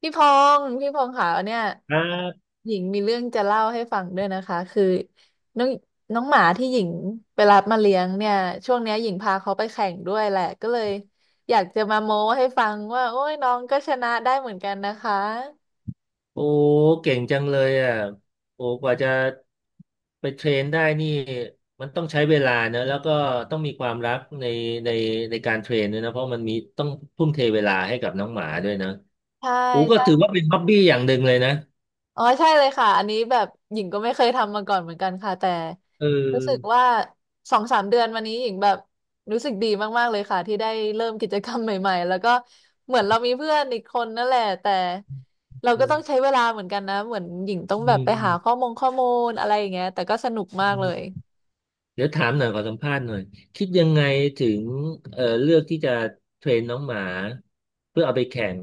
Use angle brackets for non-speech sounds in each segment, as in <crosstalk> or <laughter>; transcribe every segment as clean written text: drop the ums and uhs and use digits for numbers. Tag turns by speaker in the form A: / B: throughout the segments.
A: พี่พงษ์พี่พงษ์ค่ะเนี่ย
B: ครับ
A: หญิงมีเรื่องจะเล่าให้ฟังด้วยนะคะคือน้องน้องหมาที่หญิงไปรับมาเลี้ยงเนี่ยช่วงเนี้ยหญิงพาเขาไปแข่งด้วยแหละก็เลยอยากจะมาโม้ให้ฟังว่าโอ้ยน้องก็ชนะได้เหมือนกันนะคะ
B: โอ้เก่งจังเลยอ่ะโอ้กว่าจะไปเทรนได้นี่มันต้องใช้เวลานะแล้วก็ต้องมีความรักในในในการเทรนด้วยนะเพราะมันมีต้องทุ่มเทเวลาให้กับน้องหมาด้วยนะ
A: ใช่
B: โอ้ก็ถือ
A: ใช่
B: ว่าเป็นฮ็อบบี้อย่างหนึ่งเลยนะ
A: อ๋อใช่เลยค่ะอันนี้แบบหญิงก็ไม่เคยทำมาก่อนเหมือนกันค่ะแต่
B: เอ
A: รู้สึก
B: อ
A: ว่าสองสามเดือนมานี้หญิงแบบรู้สึกดีมากๆเลยค่ะที่ได้เริ่มกิจกรรมใหม่ๆแล้วก็เหมือนเรามีเพื่อนอีกคนนั่นแหละแต่เรา
B: อื
A: ก็ต้องใช้
B: ม
A: เวลาเหมือนกันนะเหมือนหญิงต้องแบบไปหาข้อมูลอะไรอย่างเงี้ยแต่ก็สนุกมาก
B: อื
A: เลย
B: ม เดี๋ยวถามหน่อยขอสัมภาษณ์หน่อยคิดยังไงถึงเลือกที่จะเทรนน้องหมาเพื่อเอาไปแข่ง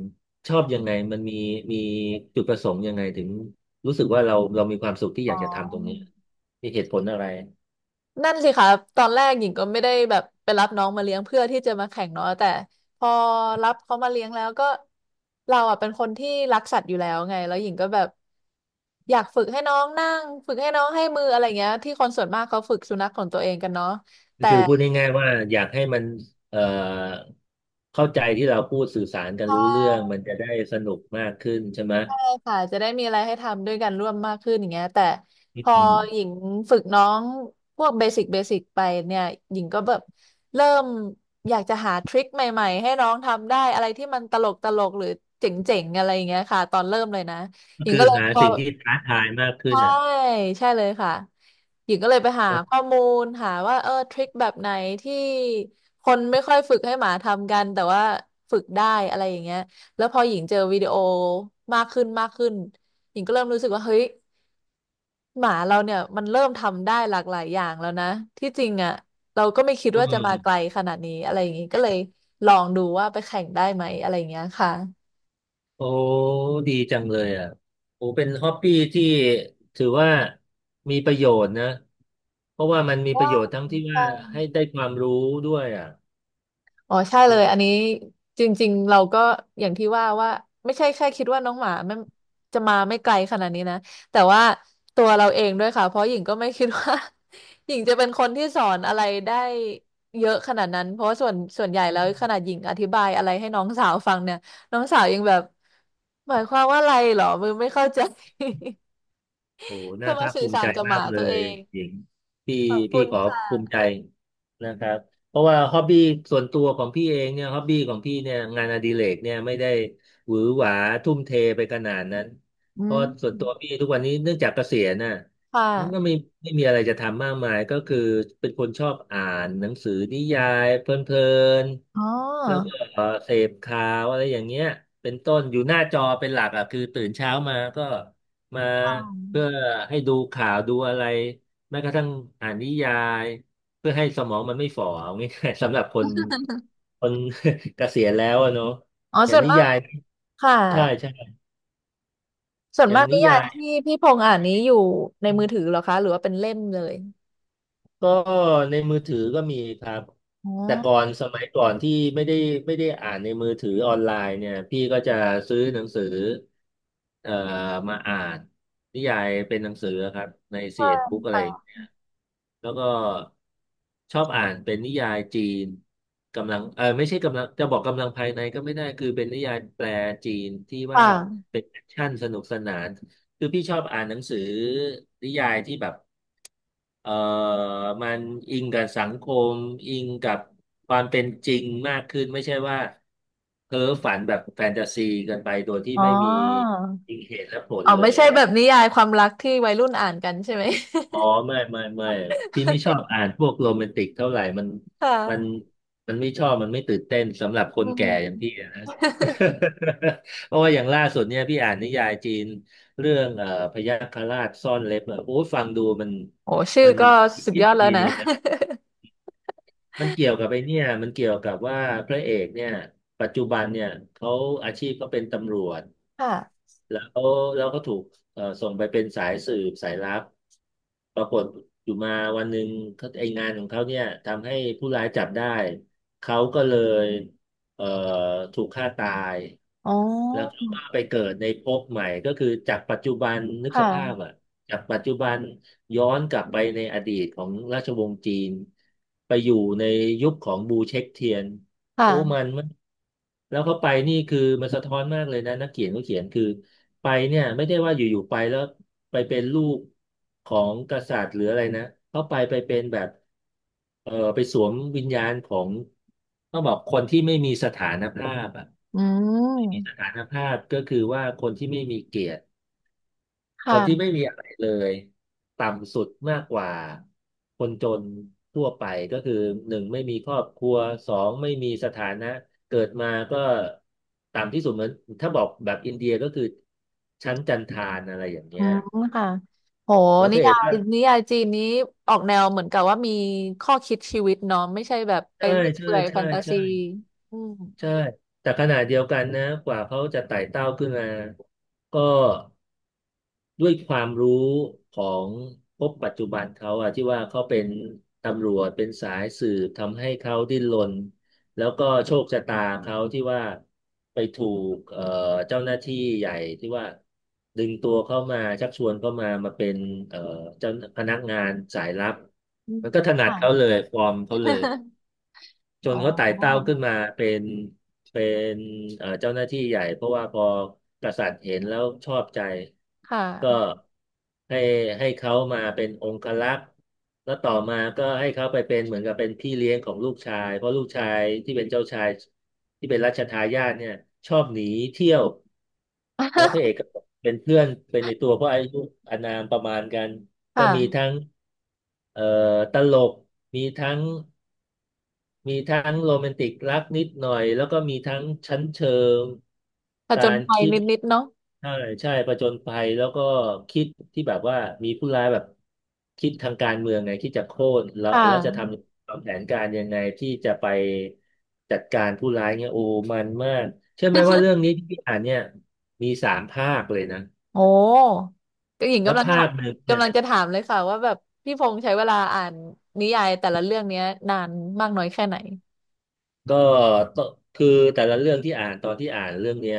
B: ชอบยังไงมันมีจุดประสงค์ยังไงถึงรู้สึกว่าเรามีความสุขที่อ
A: อ๋
B: ยากจะทำตรงนี้
A: อ
B: มีเหตุผลอะไร
A: นั่นสิคะตอนแรกหญิงก็ไม่ได้แบบไปรับน้องมาเลี้ยงเพื่อที่จะมาแข่งเนาะแต่พอรับเขามาเลี้ยงแล้วก็เราอ่ะเป็นคนที่รักสัตว์อยู่แล้วไงแล้วหญิงก็แบบอยากฝึกให้น้องนั่งฝึกให้น้องให้มืออะไรเงี้ยที่คนส่วนมากเขาฝึกสุนัขของตัวเองกันเนาะแต่
B: คือพูดง่ายๆว่าอยากให้มันเอ่อเข้าใจที่เราพูดสื่อสารกันรู้เรื่องมันจะได้สนุกมากขึ้นใช่ไหม
A: ค่ะจะได้มีอะไรให้ทำด้วยกันร่วมมากขึ้นอย่างเงี้ยแต่พอ
B: อืม
A: หญิงฝึกน้องพวกเบสิกเบสิกไปเนี่ยหญิงก็แบบเริ่มอยากจะหาทริคใหม่ๆให้น้องทำได้อะไรที่มันตลกตลกหรือเจ๋งๆอะไรอย่างเงี้ยค่ะตอนเริ่มเลยนะ
B: ก็
A: หญิง
B: คื
A: ก็
B: อ
A: เลย
B: หา
A: พอ
B: สิ่งที่ท้าทายมากขึ้น
A: ใช่
B: อ่ะ
A: ใช่เลยค่ะหญิงก็เลยไปหาข้อมูลหาว่าเออทริคแบบไหนที่คนไม่ค่อยฝึกให้หมาทำกันแต่ว่าฝึกได้อะไรอย่างเงี้ยแล้วพอหญิงเจอวิดีโอมากขึ้นหญิงก็เริ่มรู้สึกว่าเฮ้ยหมาเราเนี่ยมันเริ่มทำได้หลากหลายอย่างแล้วนะที่จริงอ่ะเราก็ไม่คิด
B: อื
A: ว่าจะมาไกล
B: ม
A: ขนาดนี้อะไรอย่างงี้ก็เลยลองดูว่าไปแข่งได้ไหมอะไรอย่างเงี้ยค่ะ
B: โอ้ดีจังเลยอ่ะโอ้เป็นฮอปปี้ที่ถือว่ามีประโยชน์นะเพราะว่ามันมีประ
A: ว้า
B: โยชน์
A: ว
B: ทั้งที่ว่าให้ได้ความรู้ด้วยอ่ะ
A: อ๋อใช่เลยอันนี้จริงๆเราก็อย่างที่ว่าว่าไม่ใช่แค่คิดว่าน้องหมาไม่จะมาไม่ไกลขนาดนี้นะแต่ว่าตัวเราเองด้วยค่ะเพราะหญิงก็ไม่คิดว่า <laughs> หญิงจะเป็นคนที่สอนอะไรได้เยอะขนาดนั้นเพราะว่าส่วนใหญ่แล้วขนาดหญิงอธิบายอะไรให้น้องสาวฟังเนี่ยน้องสาวยังแบบหมายความว่าอะไรเหรอมือไม่เข้าใจ
B: โอ้โห
A: <laughs> จะ
B: น่า
A: มา
B: ภาค
A: สื่อ
B: ภู
A: สา
B: มิใจ
A: รกับห
B: มา
A: มา
B: กเล
A: ตัวเอ
B: ย
A: ง
B: หญิงพี่
A: ขอบคุ
B: พี่
A: ณ
B: ขอ
A: ค่ะ
B: ภูมิใจนะครับเพราะว่าฮอบบี้ส่วนตัวของพี่เองเนี่ยฮอบบี้ของพี่เนี่ยงานอดิเรกเนี่ยไม่ได้หวือหวาทุ่มเทไปขนาดนั้น
A: อื
B: เพราะ
A: ม
B: ส่วนตัวพี่ทุกวันนี้เนื่องจากเกษียณน่ะ
A: ค่
B: มันก็ไม่
A: ะ
B: ไม่มีอะไรจะทำมากมายก็คือเป็นคนชอบอ่านหนังสือนิยายเพลิน
A: อ๋
B: ๆแล้วก
A: อ
B: ็เสพข่าวอะไรอย่างเงี้ยเป็นต้นอยู่หน้าจอเป็นหลักอ่ะคือตื่นเช้ามาก็ มา
A: อ๋
B: เพื่อ
A: อ
B: ให้ดูข่าวดูอะไรแม้กระทั่งอ่านนิยายเพื่อให้สมองมันไม่ฝ่อเอาง่ายๆ <laughs> สำหรับคน <laughs> เกษียณแล้วอะเนาะ
A: อ๋อ
B: อย่า
A: ส่
B: ง
A: วน
B: นิ
A: มาก
B: ยาย
A: ค่ะ
B: ใช่ใช่
A: ส่วน
B: อย่า
A: มา
B: ง
A: ก
B: นิ
A: นิยา
B: ยา
A: ย
B: ย
A: ที่พี่พงษ์อ่านนี้อยู่ในมือถือเหรอคะหรือว่าเป็นเล่มเลย
B: ก็ในมือถือก็มีครับ
A: อ๋อ
B: แต่ก่อนสมัยก่อนที่ไม่ได้อ่านในมือถือออนไลน์เนี่ยพี่ก็จะซื้อหนังสือเอ่อมาอ่านนิยายเป็นหนังสือครับในเซี
A: ค่
B: เอ็ด
A: ะ
B: บุ๊กอะไร แล้วก็ชอบอ่านเป็นนิยายจีนกำลังเออไม่ใช่กำลังจะบอกกำลังภายในก็ไม่ได้คือเป็นนิยายแปลจีนที่ว่า
A: ค่ะ
B: เป็นแอคชั่นสนุกสนานคือพี่ชอบอ่านหนังสือนิยายที่แบบเออมันอิงกับสังคมอิงกับความเป็นจริงมากขึ้นไม่ใช่ว่าเพ้อฝันแบบแฟนตาซีเกันไปโดยที่
A: อ๋อ
B: ไม่มีจริงเหตุและผล
A: อ๋อ
B: เล
A: ไม่
B: ย
A: ใช่
B: อ่ะ
A: แบบนิยายความรักที่วัยรุ่นอ่านกันใช่ไหม
B: อ๋อไม่ไม่ไม่พี่ไม่ชอบ
A: <laughs>
B: อ่านพวกโรแมนติกเท่าไหร่
A: ค่ะ
B: มันมันไม่ชอบมันไม่ตื่นเต้นสำหรับค
A: อื
B: นแก่อย่าง
A: ม
B: พี่อะนะ <laughs> เพราะว่าอย่างล่าสุดเนี่ยพี่อ่านนิยายจีนเรื่องพยัคฆราชซ่อนเล็บอะโอ้ยฟังดูมัน
A: โอ้ชื่อ
B: มัน
A: ก็สุด
B: ยิ
A: ย
B: บ
A: อดแล้
B: จี
A: ว
B: น
A: นะ
B: เลยนะมันเกี่ยวกับไอ้เนี่ยมันเกี่ยวกับว่าพระเอกเนี่ยปัจจุบันเนี่ยเขาอาชีพก็เป็นตำรวจ
A: <laughs> ค่ะ
B: แล้วแล้วก็ถูกส่งไปเป็นสายสืบสายลับปรากฏอยู่มาวันหนึ่งเขาไองานของเขาเนี่ยทำให้ผู้ร้ายจับได้เขาก็เลยเอ่อถูกฆ่าตาย
A: อ๋อ
B: แล้วเขาก็ไปเกิดในภพใหม่ก็คือจากปัจจุบันนึก
A: ค
B: สภาพ
A: ่ะ
B: อ่ะจากปัจจุบันย้อนกลับไปในอดีตของราชวงศ์จีนไปอยู่ในยุคของบูเช็คเทียน โอ้มั
A: ค่ะ
B: นมันแล้วเขาไปนี่คือมันสะท้อนมากเลยนะนักเขียนเขาเขียนคือไปเนี่ยไม่ได้ว่าอยู่ๆไปแล้วไปเป็นลูกของกษัตริย์หรืออะไรนะเขาไปเป็นแบบไปสวมวิญญาณของต้องบอกคนที่ไม่มีสถานภาพอ่ะ
A: อื
B: มีส
A: ม
B: ถานภาพก็คือว่าคนที่ไม่มีเกียรติ คนที่
A: ค่ะ
B: ไม่มีอะไรเลยต่ำสุดมากกว่าคนจนทั่วไปก็คือหนึ่งไม่มีครอบครัวสองไม่มีสถานะเกิดมาก็ต่ำที่สุดเหมือนถ้าบอกแบบอินเดียก็คือชั้นจันทานอะไรอย่าง
A: อื
B: เงี้ย
A: มค่ะโห
B: แล้วพ
A: นิ
B: ระเอ
A: ยา
B: กก็
A: ยนิยายจีนนี้ออกแนวเหมือนกับว่ามีข้อคิดชีวิตเนาะไม่ใช่แบบไป
B: ใช่
A: เรื่อย
B: ใช่
A: เปื่อยแฟ
B: ใช่
A: นตาซี
B: ใช่
A: อืม
B: ใช่แต่ขณะเดียวกันนะกว่าเขาจะไต่เต้าขึ้นมาก็ ด้วยความรู้ของพบปัจจุบันเขาอะที่ว่าเขาเป็นตำรวจเป็นสายสืบทำให้เขาดิ้นรนแล้วก็โชคชะตาเขาที่ว่าไปถูกเจ้าหน้าที่ใหญ่ที่ว่าดึงตัวเข้ามาชักชวนเข้ามาเป็นเอ่อเจ้าพนักงานสายลับ
A: อืม
B: มันก็ถนัด
A: ค่ะ
B: เขาเลยฟอร์มเขาเลย จ
A: <laughs> อ๋
B: นเขาไต่เต้า
A: อ
B: ขึ้นมาเป็นเจ้าหน้าที่ใหญ่เพราะว่าพอกษัตริย์เห็นแล้วชอบใจ
A: ค่ะ
B: ก็ให้ให้เขามาเป็นองครักษ์แล้วต่อมาก็ให้เขาไปเป็นเหมือนกับเป็นพี่เลี้ยงของลูกชายเพราะลูกชายที่เป็นเจ้าชายที่เป็นรัชทายาทเนี่ยชอบหนีเที่ยวแล้วพระเอกก็
A: <laughs>
B: เป็นเพื่อนเป็นในตัวเพราะอายุอานามประมาณกันก็มี
A: ค่ะ
B: ทั้งเอ่อตลกมีทั้ง มีทั้งโรแมนติกรักนิดหน่อยแล้วก็มีทั้งชั้นเชิง
A: ผจ
B: กา
A: ญ
B: ร
A: ภัย
B: คิด
A: นิดๆเนาะ
B: ใช่ใช่ประจนภัยแล้วก็คิดที่แบบว่ามีผู้ร้ายแบบคิดทางการเมืองไงคิดจะโค่นแล้
A: ค
B: วแล้วจะท
A: ่ะ
B: ำวางแผนการยังไงที่จะไปจัดการผู้ร้ายเงี่ยโอ้มันมากเชื่อไหมว่าเรื่องนี้ที่พี่อ่านเนี่ยมีสามภาคเลยนะ
A: โอ้ก็หญิง
B: แล้ว
A: กำลังถา
B: ภาค
A: ม
B: หนึ่งเนี่
A: กำ
B: ย
A: ลังจะถามเลยค่ะว่าแบบพี่พงษ์ใช้เวลาอ่านนิยายแต่ละเรื่องเนี้ยนานมากน้อยแค่ไหน
B: ก็ต้องคือแต่ละเรื่องที่อ่านตอนที่อ่านเรื่องเนี้ย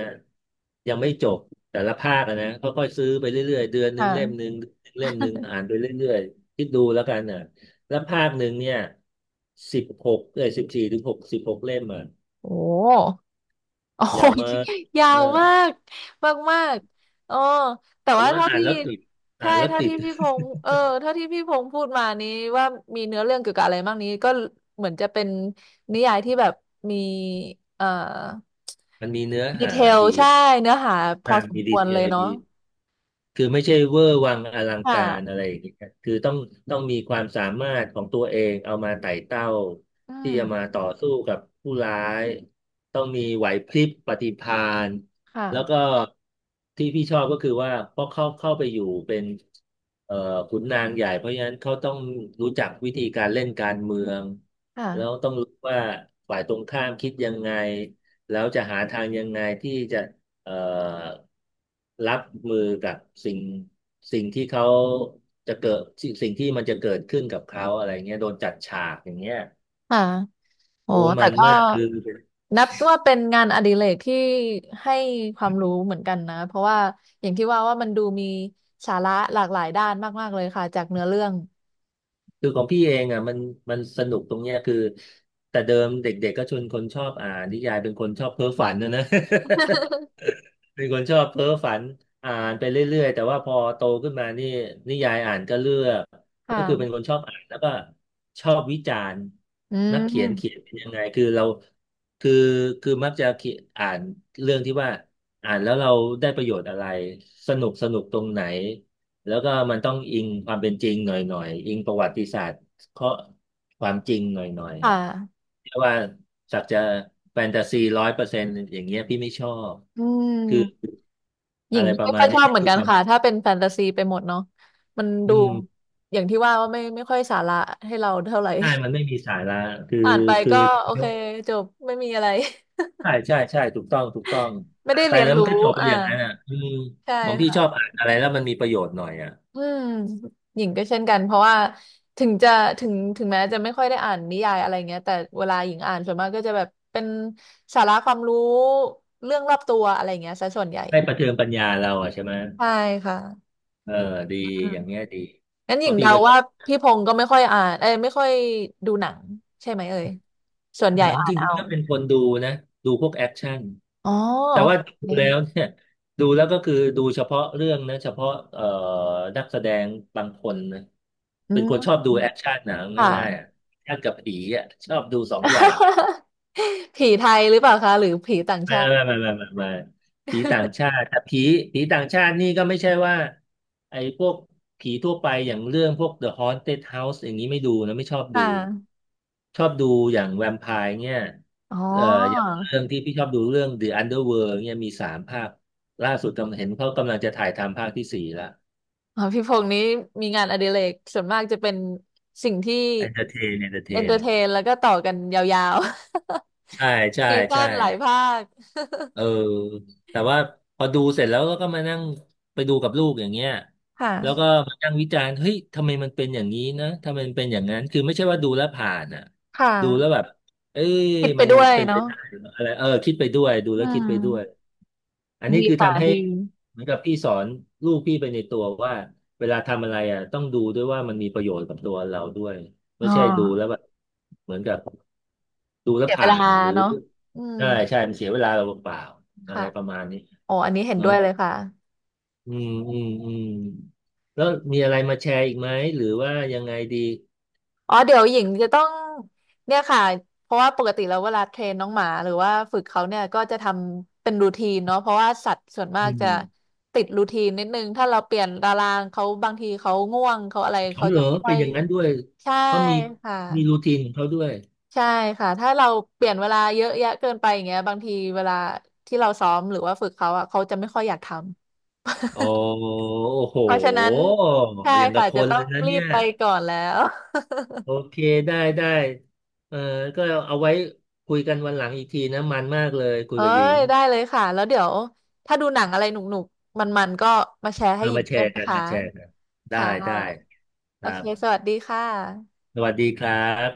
B: ยังไม่จบแต่ละภาคอะนะค่อยๆซื้อไปเรื่อยๆเดือนหนึ่งเล่มห
A: ค่ะ
B: นึ่งเล่มหนึ่งอ่านไปเรื่อยๆคิดดูแล้วกันน่ะแล้วภาคหนึ่งเนี่ย14ถึง66เล่มอ่ะ
A: โอ้ โอ้
B: ยาว
A: ย
B: มาก
A: <laughs> ยาว
B: มาก
A: มากมากมากอ๋อแต่
B: แต่
A: ว่า
B: ว่า
A: เท่า
B: อ่าน
A: ที่
B: แล้วติดอ่า
A: ใช่
B: นแล้ว
A: เท่า
B: ติด
A: ที่พี่พ
B: <laughs>
A: งษ์เท่าที่พี่พงษ์พูดมานี้ว่ามีเนื้อเรื่องเกี่ยวกับอะไรบ้างนี้ก็เหมือนจะเป็นนิยายที่แบบมีเอ่อ
B: มันมีเนื้อ
A: ดี
B: หา
A: เทล
B: ดี
A: ใช่
B: อะ
A: เนื้อหาพอ
B: อ่าน
A: สม
B: มี
A: ค
B: ดี
A: วร
B: เท
A: เลย
B: ล
A: เนาะ
B: ดี คือไม่ใช่เวอร์วังอลัง
A: ค
B: การอะ
A: ่ะ
B: ไรอย่างเงี้ยคือต้องมีความสามารถของตัวเองเอามาไต่เต้า
A: อื
B: ที่จะมา
A: ม
B: ต่อสู้กับผู้ร้าย ต้องมีไหวพริบปฏิภาณ
A: ค่ะ
B: แล้วก็ที่พี่ชอบก็คือว่าเพราะเข้าไปอยู่เป็นเอ่อขุนนางใหญ่เพราะฉะนั้นเขาต้องรู้จักวิธีการเล่นการเมือง
A: ค่ะ
B: แล้วต้องรู้ว่าฝ่ายตรงข้ามคิดยังไงแล้วจะหาทางยังไงที่จะ เอ่อรับมือกับสิ่งสิ่งที่เขาจะเกิดสิ่งที่มันจะเกิดขึ้นกับเขาอะไรเงี้ยโดนจัดฉากอย่างเงี้ย
A: ค่ะ โอ้
B: โอ้
A: แต่
B: มัน
A: ก็
B: มากคือ
A: นับว่าเป็นงานอดิเรกที่ให้ความรู้เหมือนกันนะเพราะว่าอย่างที่ว่าว่ามันดูมีสาระหลากหลายด้านมากๆเลยค่ะจากเนื้อเรื่อง
B: คือของพี่เองอ่ะมันสนุกตรงเนี้ยคือแต่เดิมเด็กๆก็ชวนคนชอบอ่านนิยายเป็นคนชอบเพ้อฝันนะนะ เป็นคนชอบเพ้อฝันอ่านไปเรื่อยๆแต่ว่าพอโตขึ้นมานี่นิยายอ่านก็เลือกก็คือเป็น
A: ค่ะ
B: คนชอบอ่านแล้วก็ชอบวิจารณ์
A: อื
B: นักเขียนเขีย
A: ม
B: นเป็นยังไงคือเราคือคือมักจะเขียนอ่านเรื่องที่ว่าอ่านแล้วเราได้ประโยชน์อะไรสนุกสนุกตรงไหนแล้วก็มันต้องอิงความเป็นจริงหน่อยหน่อยอิงประวัติศาสตร์ข้อความจริงหน่อยหน่อย
A: ค่ะ
B: เรียกว่าสักจะแฟนตาซี100%อย่างเงี้ยพี่ไม่ชอบ
A: อื
B: คือ
A: มหญิ
B: อะ
A: ง
B: ไรประ
A: ไม่
B: มา
A: ค่อ
B: ณ
A: ยช
B: เนี้
A: อ
B: ย
A: บเหมือน
B: คือ
A: กัน
B: ความ
A: ค่ะถ้าเป็นแฟนตาซีไปหมดเนาะมัน
B: อื
A: ดู
B: ม
A: อย่างที่ว่าว่าไม่ค่อยสาระให้เราเท่าไหร่
B: ใช่ มันไม่มีสาระคือ
A: <laughs> อ่านไป
B: คือ
A: ก็โอ
B: อ
A: เคจบไม่มีอะไร <laughs>
B: ใช่ใช่ใช่ถูกต้องถูกต้อง
A: ไม่
B: อ่า
A: ได้
B: นไป
A: เรียน
B: แล้วมั
A: รู้
B: นก็จบไป
A: อ่า
B: อย่างนั้นอ่ะอืม
A: ใช
B: ของพี่ชอ
A: ่
B: บอ่านอะไรแล้วมันมีประโยชน์หน่อยอ่ะ
A: อืมหญิงก็เช่นกันเพราะว่าถึงจะถึงแม้จะไม่ค่อยได้อ่านนิยายอะไรเงี้ยแต่เวลาหญิงอ่านส่วนมากก็จะแบบเป็นสาระความรู้เรื่องรอบตัวอะไรเงี้ยซะส่วนใหญ่
B: ให้ประเทืองปัญญาเราอ่ะใช่ไหม
A: ใช่ค่ะ
B: เออดี
A: อืม
B: อย่างเงี้ยดี
A: งั้นห
B: เพ
A: ญิง
B: ราะพี่
A: เดา
B: ก็
A: ว่าพี่พงศ์ก็ไม่ค่อยอ่านเอ้ยไม่ค่อยดูหนังใช่ไหมเอ่ยส่วนให
B: ห
A: ญ่
B: นัง
A: อ่า
B: จ
A: นเอา
B: ริงๆก็เป็นคนดูนะดูพวกแอคชั่น
A: อ๋อ
B: แต่
A: โอเ
B: ว่าดูแล้ว
A: ค
B: เนี่ยดูแล้วก็คือดูเฉพาะเรื่องนะเฉพาะนักแสดงบางคนนะ
A: อื
B: เป็นคน
A: ม
B: ชอบดูแอคชั่นหนัง
A: ค่ะ
B: ง่ายๆอะแอคชั่นกับผีอ่ะชอบดูสองอย่าง
A: <laughs> ผีไทยหรือเปล่าคะหรือผีต่าง
B: ไม่
A: ชาติ
B: ไม่ไม่ไม่ไม่ไม่ผีต่างชาติ แต่ผีต่างชาตินี่ก็ไม่ใช่ว่าไอ้พวกผีทั่วไปอย่างเรื่องพวก The Haunted House อย่างนี้ไม่ดูนะไม่ชอบ
A: ค
B: ดู
A: ่ะ
B: ชอบดูอย่างแวมไพร์เนี่ย
A: อ๋อ
B: เอ่ออย่างเรื่องที่พี่ชอบดูเรื่อง The Underworld เนี่ยมีสามภาคล่าสุดกำลังเห็นเขากำลังจะถ่ายทำภาคที่สี่ละ
A: อ๋อพี่พงษ์นี้มีงานอดิเรกส่วนมากจะเป็นสิ่งที่
B: Entertain
A: เอนเตอร์เท
B: Entertain
A: นแล้วก็ต่อกันยาว
B: ใช่
A: ๆ
B: ใช่
A: <laughs> ปีสั้
B: ใช่
A: นหลายภาค
B: เออแต่ว่าพอดูเสร็จแล้วก็มานั่งไปดูกับลูกอย่างเงี้ย
A: <laughs> ค่ะ
B: แล้วก็มานั่งวิจารณ์เฮ้ยทำไมมันเป็นอย่างนี้นะทำไมมันเป็นอย่างนั้นคือไม่ใช่ว่าดูแล้วผ่านอ่ะ
A: ค่
B: ดูแล้ว
A: ะ
B: แบบเอ้ย
A: คิดไป
B: มัน
A: ด้วย
B: เป็นไป
A: เนาะ
B: ได้เหรออะไรเออคิดไปด้วยดู
A: อื
B: แล้วคิดไปด้วย
A: ม
B: อันนี้
A: ดี
B: คือ
A: ค่ะ
B: ทำให้
A: ดี
B: เหมือนกับพี่สอนลูกพี่ไปในตัวว่าเวลาทำอะไรอ่ะต้องดูด้วยว่ามันมีประโยชน์กับตัวเราด้วย
A: อ๋
B: ไม่ใช่ดูแล้ว
A: อ
B: แบบเหมือนกับดูแล้
A: เสี
B: ว
A: ยเว
B: ผ่า
A: ลา
B: นหรือ
A: เนาะอืม
B: ใช่ใช่มันเสียเวลาเราเปล่าๆอะ
A: ค่ะ
B: ไรประมาณนี้
A: โอ้อันนี้เห็นด้
B: เนาะ
A: วยเลยค่ะ
B: อืมอืมอืมแล้วมีอะไรมาแชร์อีกไหมหรือว่ายังไงดี
A: อ๋อเดี๋ยวหญิงจะต้องเนี่ยค่ะเพราะว่าปกติแล้วเวลาเทรนน้องหมาหรือว่าฝึกเขาเนี่ยก็จะทำเป็นรูทีนเนาะเพราะว่าสัตว์ส่วนมา
B: อื
A: กจะ
B: ม
A: ติดรูทีนนิดนึงถ้าเราเปลี่ยนตารางเขาบางทีเขาง่วงเขาอะไร
B: อ๋อ
A: เขา
B: เหร
A: จะ
B: อ
A: ไม่ค่อ
B: เป็น
A: ย
B: อย่างนั้นด้วย
A: ใช่
B: เขามี
A: ค่ะ
B: มีรูทีนของเขาด้วย
A: ใช่ค่ะถ้าเราเปลี่ยนเวลาเยอะแยะเกินไปอย่างเงี้ยบางทีเวลาที่เราซ้อมหรือว่าฝึกเขาอ่ะเขาจะไม่ค่อยอยากทำ
B: โอ้โห
A: <laughs> เพราะฉะนั้นใช่
B: อย่างกั
A: ค่ะ
B: บค
A: จะ
B: น
A: ต้อ
B: เล
A: ง
B: ยนะ
A: รี
B: เนี่
A: บ
B: ย
A: ไปก่อนแล้ว
B: โอเคได้ได้เออก็เอาไว้คุยกันวันหลังอีกทีนะมันมากเลยคุย
A: เอ้
B: กับหญิง
A: ยได้เลยค่ะแล้วเดี๋ยวถ้าดูหนังอะไรหนุกๆมันๆก็มาแชร์ให้
B: เอา
A: หญิง
B: มาแช
A: ด้วย
B: ร์
A: นะ
B: กัน
A: คะ
B: มาแชร์กันได้
A: ค่ะ
B: ได้ค
A: โอ
B: รั
A: เค
B: บ
A: สวัสดีค่ะ
B: สวัสดีครับ